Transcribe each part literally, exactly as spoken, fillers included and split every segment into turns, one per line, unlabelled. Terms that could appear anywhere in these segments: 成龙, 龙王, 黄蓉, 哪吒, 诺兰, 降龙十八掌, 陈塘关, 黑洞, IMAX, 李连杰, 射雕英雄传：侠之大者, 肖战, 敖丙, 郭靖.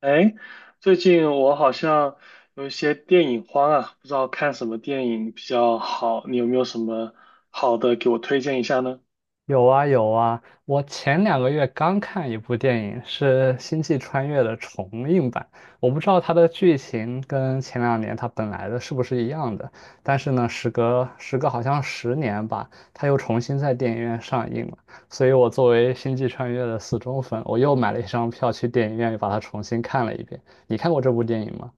哎，最近我好像有一些电影荒啊，不知道看什么电影比较好，你有没有什么好的给我推荐一下呢？
有啊有啊，我前两个月刚看一部电影，是《星际穿越》的重映版。我不知道它的剧情跟前两年它本来的是不是一样的，但是呢，时隔时隔好像十年吧，它又重新在电影院上映了。所以我作为《星际穿越》的死忠粉，我又买了一张票去电影院又把它重新看了一遍。你看过这部电影吗？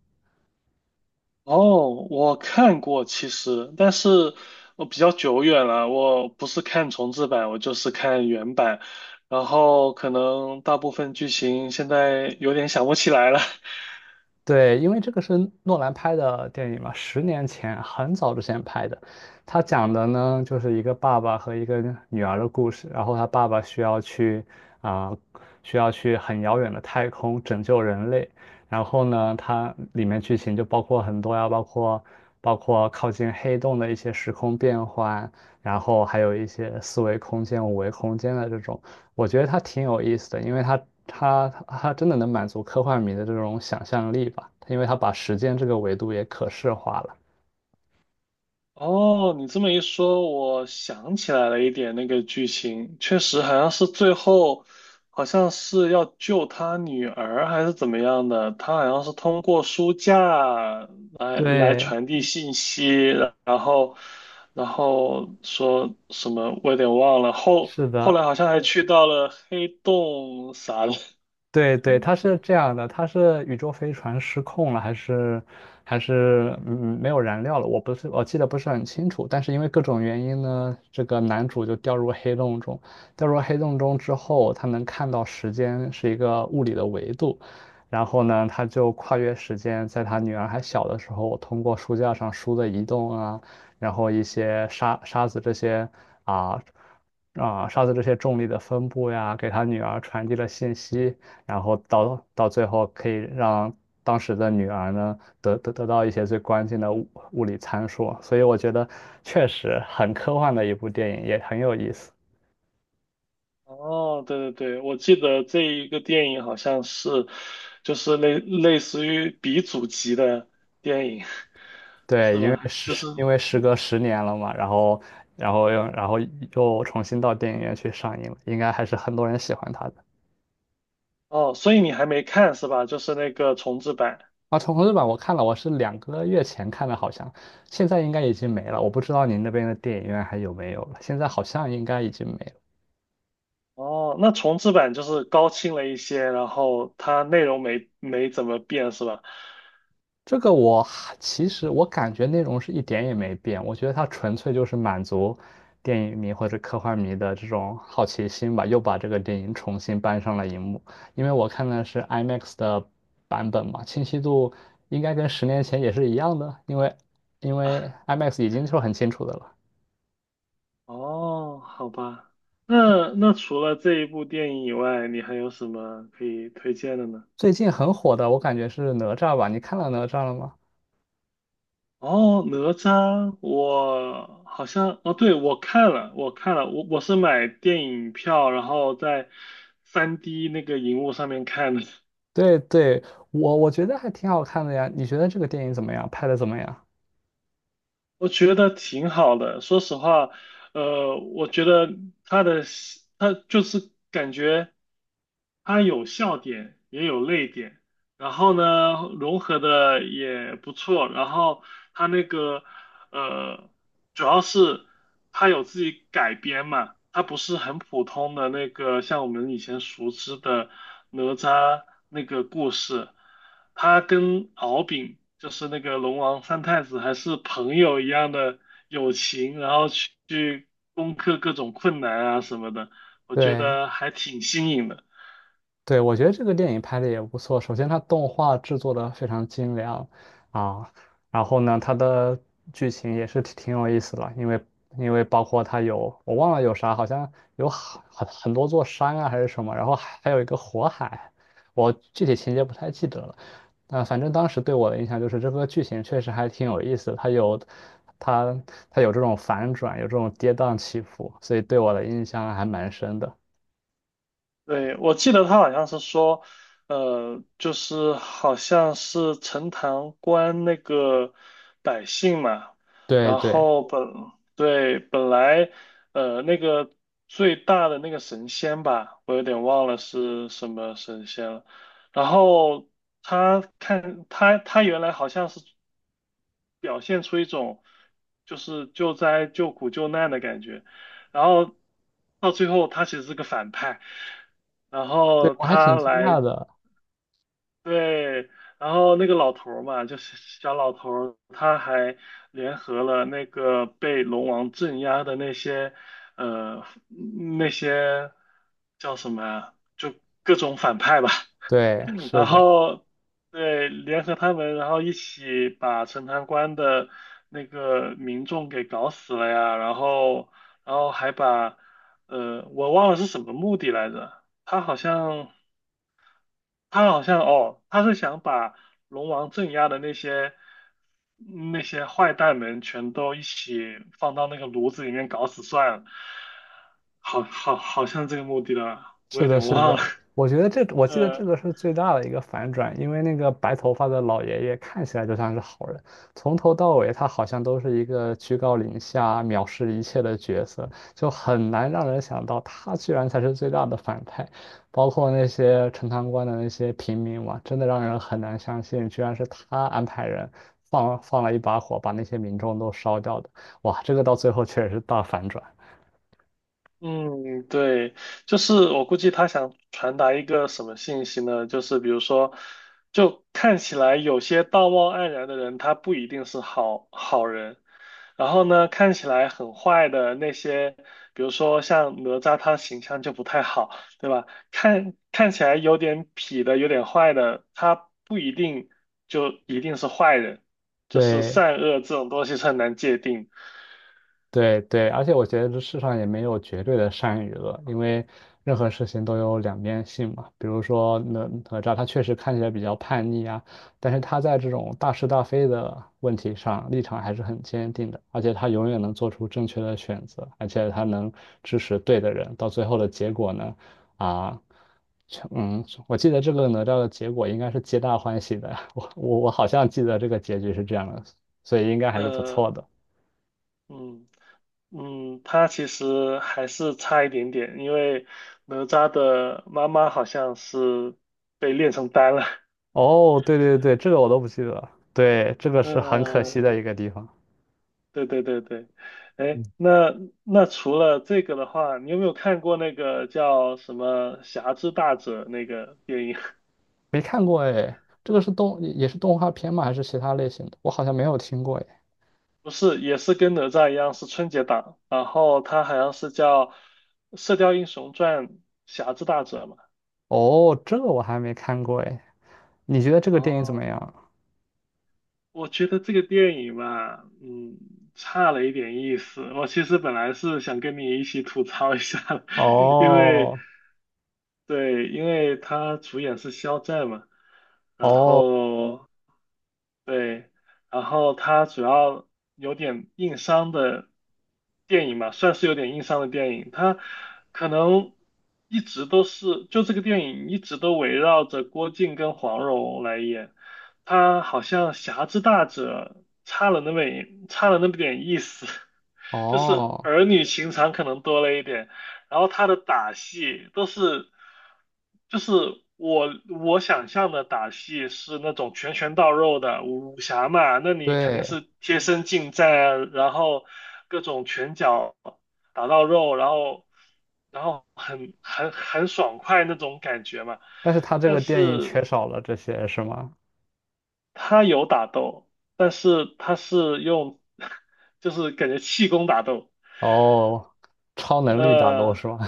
哦，我看过其实，但是我比较久远了，我不是看重制版，我就是看原版，然后可能大部分剧情现在有点想不起来了，
对，因为这个是诺兰拍的电影嘛，十年前很早之前拍的。他讲的呢，就是一个爸爸和一个女儿的故事。然后他爸爸需要去啊、需要去很遥远的太空拯救人类。然后呢，它里面剧情就包括很多呀，包括包括靠近黑洞的一些时空变换，然后还有一些四维空间、五维空间的这种。我觉得它挺有意思的，因为它它它真的能满足科幻迷的这种想象力吧，因为它把时间这个维度也可视化了。
哦，你这么一说，我想起来了一点那个剧情，确实好像是最后，好像是要救他女儿还是怎么样的，他好像是通过书架来来
对，
传递信息，然后然后说什么我有点忘了，后
是
后
的。
来好像还去到了黑洞啥的，
对对，它是这样的，它是宇宙飞船失控了，还是还是嗯没有燃料了？我不是我记得不是很清楚，但是因为各种原因呢，这个男主就掉入黑洞中，掉入黑洞中之后，他能看到时间是一个物理的维度，然后呢，他就跨越时间，在他女儿还小的时候，通过书架上书的移动啊，然后一些沙沙子这些啊。啊，沙子这些重力的分布呀，给他女儿传递了信息，然后到到最后可以让当时的女儿呢得得得到一些最关键的物物理参数，所以我觉得确实很科幻的一部电影，也很有意思。
哦，对对对，我记得这一个电影好像是，就是类类似于鼻祖级的电影，
对，
是
因为
吧？就
时
是
因为时隔十年了嘛，然后然后又然后又重新到电影院去上映了，应该还是很多人喜欢它的。
哦，所以你还没看是吧？就是那个重制版。
啊，重重制版我看了，我是两个月前看的，好像现在应该已经没了。我不知道您那边的电影院还有没有了，现在好像应该已经没了。
哦，那重制版就是高清了一些，然后它内容没没怎么变是吧？
这个我其实我感觉内容是一点也没变，我觉得它纯粹就是满足电影迷或者科幻迷的这种好奇心吧，又把这个电影重新搬上了荧幕。因为我看的是 IMAX 的版本嘛，清晰度应该跟十年前也是一样的，因为因
啊，
为 IMAX 已经是很清楚的了。
哦，好吧。那那除了这一部电影以外，你还有什么可以推荐的呢？
最近很火的，我感觉是哪吒吧？你看了哪吒了吗？
哦，哪吒，我好像哦，对，我看了，我看了，我我是买电影票，然后在三 d 那个荧幕上面看的，
对对，我我觉得还挺好看的呀。你觉得这个电影怎么样？拍的怎么样？
我觉得挺好的。说实话，呃，我觉得他的戏他就是感觉。它有笑点，也有泪点，然后呢，融合的也不错。然后它那个呃，主要是它有自己改编嘛，它不是很普通的那个像我们以前熟知的哪吒那个故事，它跟敖丙就是那个龙王三太子还是朋友一样的友情，然后去去攻克各种困难啊什么的，我觉
对，
得还挺新颖的。
对，我觉得这个电影拍的也不错。首先，它动画制作的非常精良啊，然后呢，它的剧情也是挺挺有意思的，因为因为包括它有我忘了有啥，好像有很很很多座山啊还是什么，然后还还有一个火海，我具体情节不太记得了。啊，反正当时对我的印象就是这个剧情确实还挺有意思的，它有它它有这种反转，有这种跌宕起伏，所以对我的印象还蛮深的。
对，我记得他好像是说，呃，就是好像是陈塘关那个百姓嘛，
对
然
对。
后本，对，本来，呃，那个最大的那个神仙吧，我有点忘了是什么神仙了，然后他看他他原来好像是。表现出一种就是救灾、救苦、救难的感觉。然后到最后，他其实是个反派，然
对，
后
我还
他
挺惊讶
来，
的。
对，然后那个老头儿嘛，就是小老头儿，他还联合了那个被龙王镇压的那些，呃，那些叫什么呀？就各种反派吧。
对，是
然
的，
后对，联合他们，然后一起把陈塘关的那个民众给搞死了呀，然后然后还把呃，我忘了是什么目的来着，他好像他好像哦，他是想把龙王镇压的那些那些坏蛋们全都一起放到那个炉子里面搞死算了，好好好像这个目的了，我
是
有
的，
点
是
忘了，
的。我觉得这，我记得这个 是最大的一个反转，因为那个白头发的老爷爷看起来就像是好人，从头到尾他好像都是一个居高临下、藐视一切的角色，就很难让人想到他居然才是最大的反派。包括那些陈塘关的那些平民嘛，真的让人很难相信，居然是他安排人放放了一把火，把那些民众都烧掉的。哇，这个到最后确实是大反转。
嗯，对，就是我估计他想传达一个什么信息呢？就是比如说，就看起来有些道貌岸然的人，他不一定是好好人。然后呢，看起来很坏的那些，比如说像哪吒，他形象就不太好，对吧？看看起来有点痞的、有点坏的，他不一定就一定是坏人，就是
对，
善恶这种东西是很难界定。
对对，而且我觉得这世上也没有绝对的善与恶，因为任何事情都有两面性嘛。比如说哪哪吒，他确实看起来比较叛逆啊，但是他在这种大是大非的问题上立场还是很坚定的，而且他永远能做出正确的选择，而且他能支持对的人，到最后的结果呢，啊，全嗯，我记得这个哪吒的结果应该是皆大欢喜的，我我我好像记得这个结局是这样的，所以应该还是不
呃，
错的。
嗯。嗯，他其实还是差一点点，因为哪吒的妈妈好像是被炼成丹了。
哦，对对对，这个我都不记得了。对，这个是很可惜
嗯，
的一个地方，
对对对对，哎，那那除了这个的话，你有没有看过那个叫什么《侠之大者》那个电影？
没看过哎。这个是动，也是动画片吗？还是其他类型的？我好像没有听过哎。
不是，也是跟哪吒一样是春节档，然后它好像是叫《射雕英雄传：侠之大者》嘛。
哦，这个我还没看过哎。你觉得这个电影怎么
哦，
样？
我觉得这个电影吧，嗯，差了一点意思。我其实本来是想跟你一起吐槽一下的 因为
哦
对，因为他主演是肖战嘛，然
哦
后对，然后它主要有点硬伤的电影嘛，算是有点硬伤的电影。它可能一直都是，就这个电影一直都围绕着郭靖跟黄蓉来演，他好像侠之大者差了那么一差了那么点意思。就是
哦，
儿女情长可能多了一点，然后他的打戏都是，就是我我想象的打戏是那种拳拳到肉的武武侠嘛，那你肯定
对，
是贴身近战啊然后各种拳脚打到肉，然后然后很很很爽快那种感觉嘛，
但是他这
但
个电影
是
缺少了这些是吗？
他有打斗，但是他是用 就是感觉气功打斗，
哦，超能力打斗
呃。
是吗？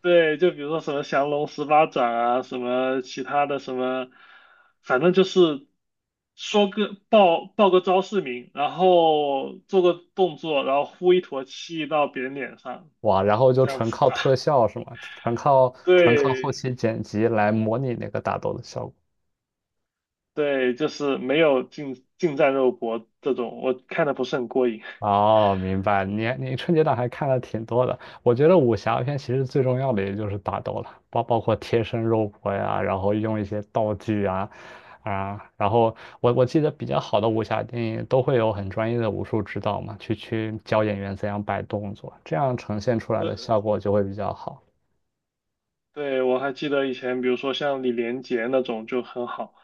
对，就比如说什么降龙十八掌啊，什么其他的什么，反正就是说个报报个招式名，然后做个动作，然后呼一坨气到别人脸上，
哇，然后就
这样
纯
子
靠
打。
特 效是吗？纯靠纯靠后
对
期剪辑来模拟那个打斗的效果。
对，就是没有近近战肉搏这种，我看的不是很过瘾。
哦，明白。你你春节档还看了挺多的。我觉得武侠片其实最重要的也就是打斗了，包包括贴身肉搏呀，然后用一些道具啊啊。然后我我记得比较好的武侠电影都会有很专业的武术指导嘛，去去教演员怎样摆动作，这样呈现出来的
呃，
效果就会比较好。
对，我还记得以前，比如说像李连杰那种就很好，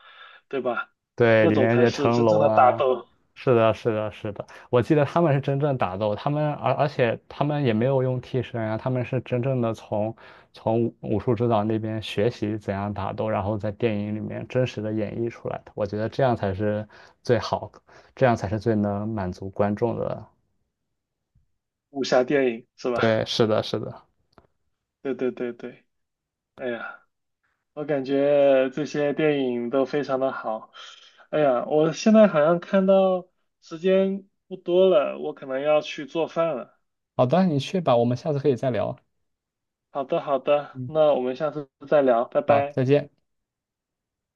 对吧？
对，
那
李
种
连
才
杰、
是
成
真正
龙
的打
啊，
斗
是的，是的，是的，我记得他们是真正打斗，他们而而且他们也没有用替身啊，他们是真正的从从武术指导那边学习怎样打斗，然后在电影里面真实的演绎出来的。我觉得这样才是最好，这样才是最能满足观众的。
武侠电影，是吧？
对，是的，是的。
对对对对。哎呀，我感觉这些电影都非常的好。哎呀，我现在好像看到时间不多了，我可能要去做饭了。
好的，你去吧，我们下次可以再聊。
好的，好的，
嗯，
那我们下次再聊，拜
好，
拜。
再见。